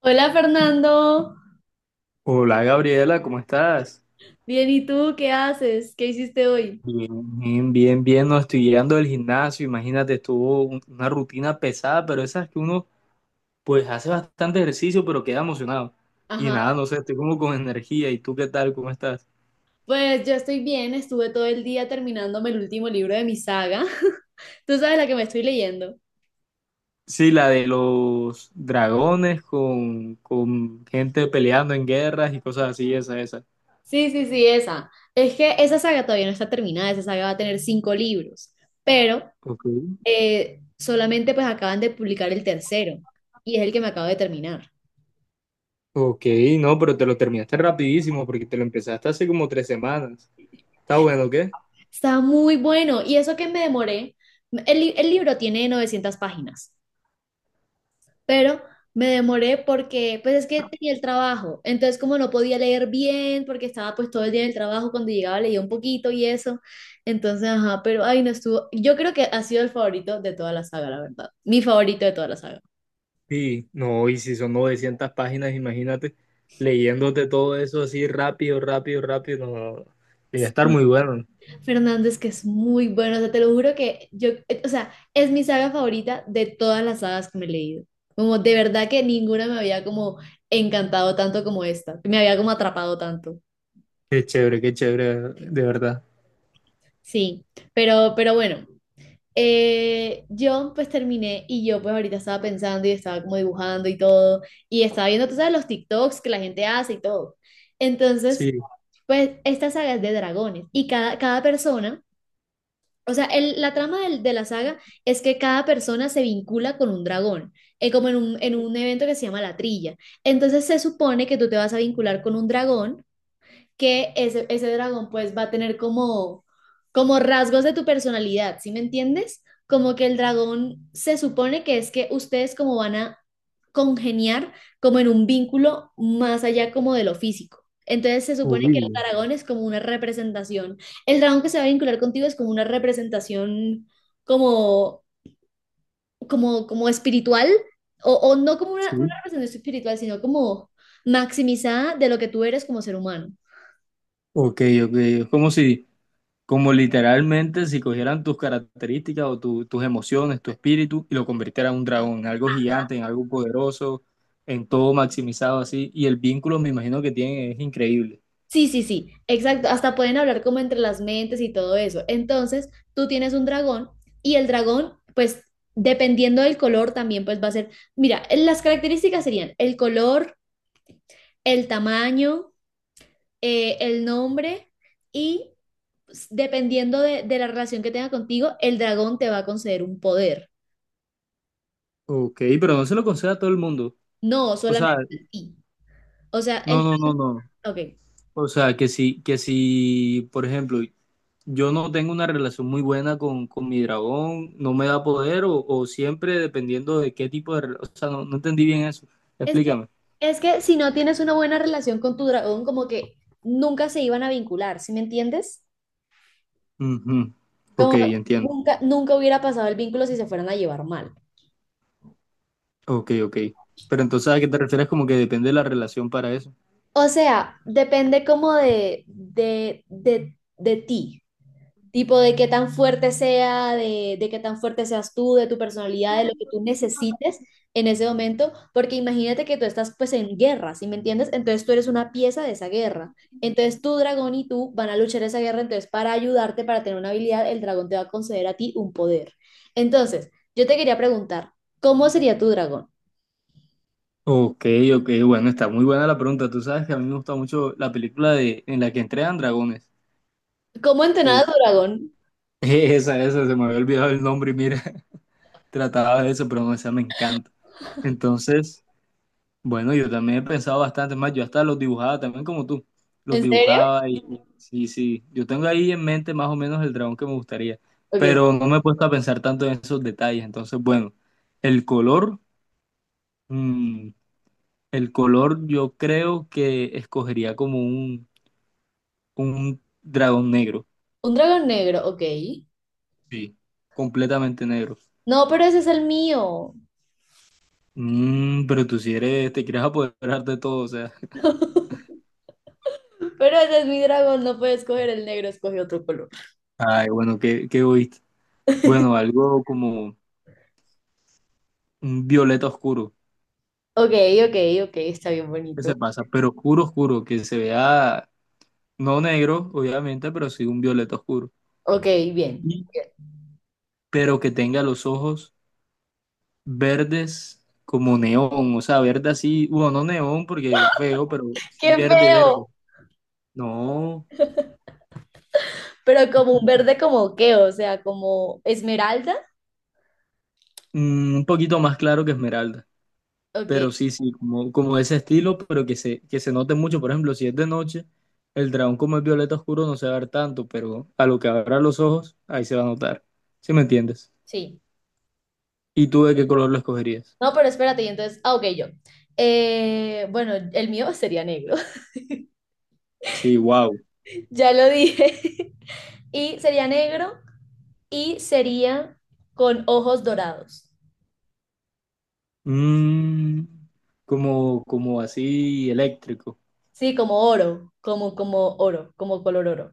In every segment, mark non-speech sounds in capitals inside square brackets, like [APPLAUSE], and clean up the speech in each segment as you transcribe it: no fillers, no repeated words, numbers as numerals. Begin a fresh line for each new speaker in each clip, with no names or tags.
Hola Fernando.
Hola Gabriela, ¿cómo estás?
Bien, ¿y tú qué haces? ¿Qué hiciste hoy?
Bien, bien, bien, bien. No estoy llegando del gimnasio, imagínate, estuvo una rutina pesada, pero esas que uno pues hace bastante ejercicio, pero queda emocionado. Y
Ajá,
nada, no sé, estoy como con energía. ¿Y tú qué tal? ¿Cómo estás?
pues yo estoy bien, estuve todo el día terminándome el último libro de mi saga. [LAUGHS] Tú sabes la que me estoy leyendo.
Sí, la de los dragones con gente peleando en guerras y cosas así, esa, esa.
Sí, sí, sí, esa. Es que esa saga todavía no está terminada, esa saga va a tener cinco libros, pero
Ok.
solamente pues acaban de publicar el tercero y es el que me acabo de terminar.
Ok, no, pero te lo terminaste rapidísimo porque te lo empezaste hace como 3 semanas. ¿Está bueno, o qué?
Está muy bueno y eso que me demoré, el libro tiene 900 páginas pero me demoré porque pues es que tenía el trabajo, entonces como no podía leer bien porque estaba pues todo el día en el trabajo, cuando llegaba leía un poquito y eso, entonces ajá, pero ay no estuvo, yo creo que ha sido el favorito de toda la saga, la verdad, mi favorito de toda la saga.
Sí, no, y si son 900 páginas, imagínate, leyéndote todo eso así rápido, rápido, rápido, no, no, no, debe estar muy bueno.
Fernández, que es muy bueno, o sea, te lo juro que yo, o sea, es mi saga favorita de todas las sagas que me he leído. Como de verdad que ninguna me había como encantado tanto como esta, me había como atrapado tanto.
Qué chévere, de verdad.
Sí, pero bueno. Yo pues terminé y yo pues ahorita estaba pensando y estaba como dibujando y todo y estaba viendo, tú sabes, los TikToks que la gente hace y todo. Entonces,
Sí,
pues esta saga es de dragones y cada persona, o sea, la trama de la saga es que cada persona se vincula con un dragón, como en un evento que se llama la trilla. Entonces se supone que tú te vas a vincular con un dragón que ese dragón pues va a tener como rasgos de tu personalidad, ¿sí me entiendes? Como que el dragón se supone que es que ustedes como van a congeniar como en un vínculo más allá como de lo físico. Entonces se supone que el
uy,
dragón es como una representación. El dragón que se va a vincular contigo es como una representación como, como espiritual, o no como una
sí.
representación espiritual, sino como maximizada de lo que tú eres como ser humano.
Ok, ok. Es como si, como literalmente, si cogieran tus características o tus emociones, tu espíritu, y lo convirtieran en un dragón, en algo gigante, en algo poderoso, en todo maximizado así. Y el vínculo, me imagino que tienen, es increíble.
Sí, sí, sí, exacto. Hasta pueden hablar como entre las mentes y todo eso. Entonces, tú tienes un dragón y el dragón, pues, dependiendo del color, también pues va a ser, mira, las características serían el color, el tamaño, el nombre y pues, dependiendo de la relación que tenga contigo, el dragón te va a conceder un poder,
Ok, pero no se lo concede a todo el mundo.
no
O
solamente
sea,
a ti. O sea,
no, no, no, no.
ok.
O sea, que si, por ejemplo, yo no tengo una relación muy buena con mi dragón, no me da poder o siempre dependiendo de qué tipo de... O sea, no, no entendí bien eso.
Es que,
Explícame.
es que si no tienes una buena relación con tu dragón, como que nunca se iban a vincular, ¿sí me entiendes?
Ujú. Ok,
Como
entiendo.
nunca hubiera pasado el vínculo si se fueran a llevar mal.
Ok, ok. Pero entonces, ¿a qué te refieres como que depende de la relación para eso?
O sea, depende como de ti. Tipo de qué tan fuerte sea, de qué tan fuerte seas tú, de tu personalidad, de lo que tú necesites en ese momento, porque imagínate que tú estás pues en guerra, ¿sí me entiendes? Entonces tú eres una pieza de esa guerra. Entonces tu dragón y tú van a luchar esa guerra, entonces para ayudarte, para tener una habilidad, el dragón te va a conceder a ti un poder. Entonces, yo te quería preguntar, ¿cómo sería tu dragón?
Ok, ok, bueno, está muy buena la pregunta. Tú sabes que a mí me gusta mucho la película en la que entrenan dragones.
¿Cómo entrenar a
Uf,
tu dragón?
[LAUGHS] esa, se me había olvidado el nombre y mira, [LAUGHS] trataba de eso, pero no, esa me encanta. Entonces... Bueno, yo también he pensado bastante más, yo hasta los dibujaba también como tú, los
¿En serio?
dibujaba y sí, sí, yo tengo ahí en mente más o menos el dragón que me gustaría,
Ok.
pero no me he puesto a pensar tanto en esos detalles, entonces bueno, el color, mm, el color yo creo que escogería como un dragón negro,
Un dragón negro, ok.
sí, completamente negro.
No, pero ese es el mío.
Pero tú si eres, te quieres apoderar de todo, o sea,
Pero ese es mi dragón, no puede escoger el negro, escoge otro color.
ay, bueno, qué egoísta. Bueno, algo como un violeta oscuro.
Ok, ok, ok, está bien
Que se
bonito.
pasa, pero oscuro, oscuro, que se vea, no negro, obviamente, pero sí un violeta oscuro.
Ok, bien.
Y- Pero que tenga los ojos verdes como neón, o sea, verde así, bueno, no neón porque feo, pero sí
¡Qué
verde, verde.
feo!
No,
Pero como un verde como qué, o sea, como esmeralda.
un poquito más claro que esmeralda,
Ok,
pero sí, sí, como ese estilo, pero que se note mucho. Por ejemplo, si es de noche, el dragón como es violeta oscuro no se va a ver tanto, pero a lo que abra los ojos, ahí se va a notar. ¿Sí me entiendes?
sí.
¿Y tú de qué color lo escogerías?
No, pero espérate, y entonces, ah, ok, yo. Bueno, el mío sería negro,
Sí, wow.
[LAUGHS] ya lo dije. [LAUGHS] Y sería negro y sería con ojos dorados.
Mm, como así eléctrico.
Sí, como oro, como oro, como color oro.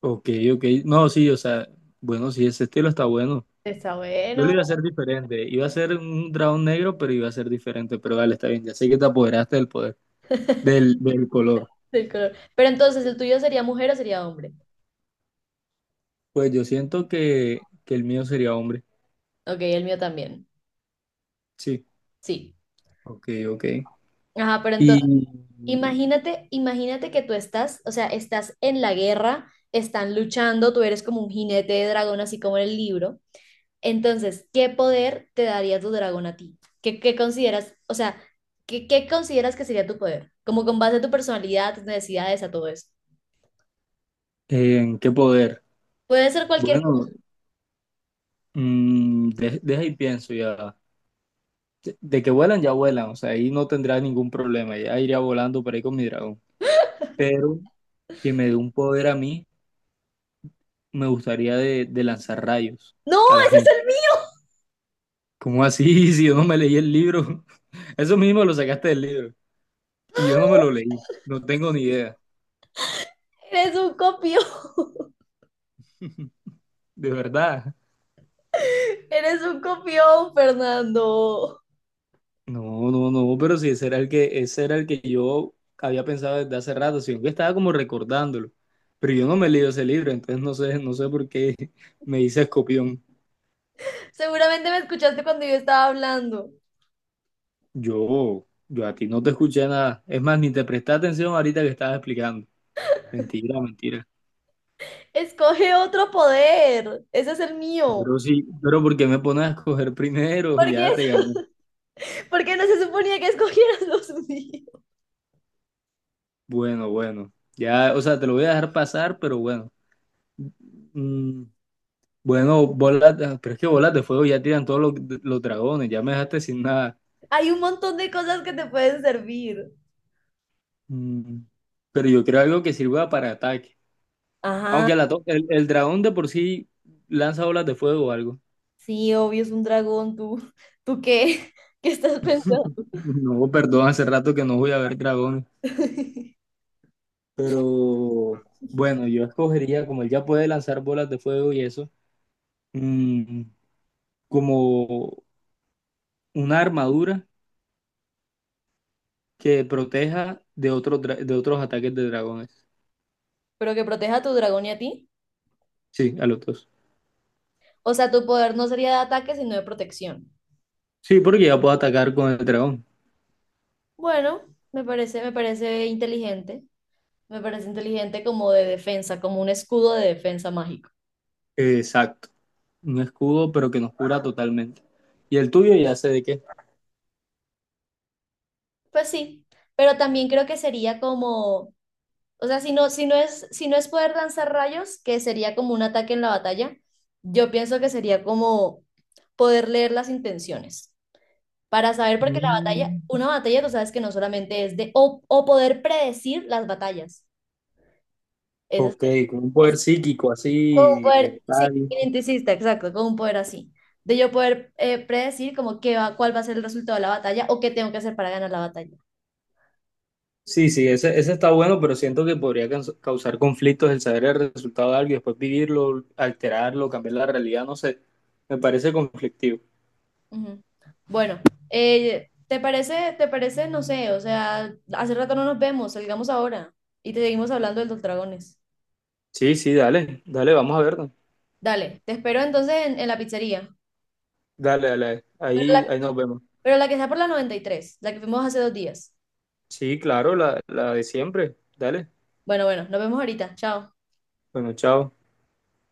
Ok, ok. No, sí, o sea, bueno, sí, ese estilo está bueno.
Está
Yo lo
bueno.
iba a hacer diferente. Iba a ser un dragón negro, pero iba a ser diferente. Pero vale, está bien. Ya sé que te apoderaste del poder, del color.
Del color. Pero entonces, ¿el tuyo sería mujer o sería hombre?
Pues yo siento que el mío sería hombre.
Ok, el mío también.
Sí.
Sí.
Ok, ok.
Ajá, pero entonces,
¿Y
imagínate que tú estás, o sea, estás en la guerra, están luchando, tú eres como un jinete de dragón, así como en el libro. Entonces, ¿qué poder te daría tu dragón a ti? ¿Qué consideras, o sea, ¿qué consideras que sería tu poder? Como con base a tu personalidad, tus necesidades, a todo eso.
en qué poder?
Puede ser cualquier cosa.
Bueno, deja y pienso ya. De que vuelan, ya vuelan, o sea, ahí no tendrá ningún problema, ya iría volando por ahí con mi dragón. Pero que me dé un poder a mí, me gustaría de lanzar rayos
¡No!
a la
¡Ese es
gente.
el mío!
¿Cómo así? [LAUGHS] Si yo no me leí el libro, [LAUGHS] eso mismo lo sacaste del libro y yo no me lo leí, no tengo ni idea,
[LAUGHS] Eres un copión. [LAUGHS]
[LAUGHS] de verdad.
Eres un copión, Fernando.
No, no, no, pero si ese era el que yo había pensado desde hace rato, sino que estaba como recordándolo. Pero yo no me he leído ese libro, entonces no sé, no sé por qué [LAUGHS] me hice escopión.
Seguramente me escuchaste cuando yo estaba hablando.
Yo a ti no te escuché nada. Es más, ni te presté atención ahorita que estabas explicando. Mentira, mentira.
Escoge otro poder. Ese es el mío.
Pero sí, ¿pero porque me pones a escoger primero? [LAUGHS]
¿Por qué,
Ya te gané.
[LAUGHS] por no se suponía que escogieras [LAUGHS] los míos?
Bueno, bueno. Ya, o sea, te lo voy a dejar pasar, pero bueno. Mm, bueno, pero es que bolas de fuego ya tiran todos los dragones, ya me dejaste sin nada.
Hay un montón de cosas que te pueden servir.
Mm, pero yo creo algo que sirva para ataque.
Ajá,
Aunque el dragón de por sí lanza bolas de fuego o algo.
sí, obvio, es un dragón. ¿Tú qué? [LAUGHS] ¿Qué estás pensando?
[LAUGHS] No, perdón, hace rato que no voy a ver dragones.
[LAUGHS]
Pero bueno, yo escogería, como él ya puede lanzar bolas de fuego y eso, mm, como una armadura que proteja de otros ataques de dragones.
Pero que proteja a tu dragón y a ti.
Sí, a los dos.
O sea, tu poder no sería de ataque, sino de protección.
Sí, porque ya puedo atacar con el dragón.
Bueno, me parece inteligente. Me parece inteligente como de defensa, como un escudo de defensa mágico.
Exacto. Un escudo, pero que nos cura totalmente. Y el tuyo ya sé de qué.
Pues sí, pero también creo que sería como, o sea, si no es poder lanzar rayos, que sería como un ataque en la batalla, yo pienso que sería como poder leer las intenciones para saber, porque la batalla,
Mm,
una batalla tú sabes que no solamente es de, o poder predecir las batallas. Eso
ok, con un
es
poder psíquico,
como un
así,
poder, sí,
mental.
identicista, exacto, como un poder así. De yo poder predecir como qué va, cuál va a ser el resultado de la batalla o qué tengo que hacer para ganar la batalla.
Sí, sí, ese está bueno, pero siento que podría causar conflictos el saber el resultado de algo y después vivirlo, alterarlo, cambiar la realidad, no sé, me parece conflictivo.
Ujú. Bueno, ¿te parece, no sé, o sea, hace rato no nos vemos, salgamos ahora y te seguimos hablando del Dos Dragones?
Sí, sí, dale, dale, vamos a verlo.
Dale, te espero entonces en, la pizzería,
Dale, dale,
pero
ahí,
la,
ahí nos vemos.
pero la que está por la 93, la que fuimos hace 2 días.
Sí, claro, la de siempre. Dale,
Bueno, bueno, nos vemos ahorita, chao.
bueno, chao.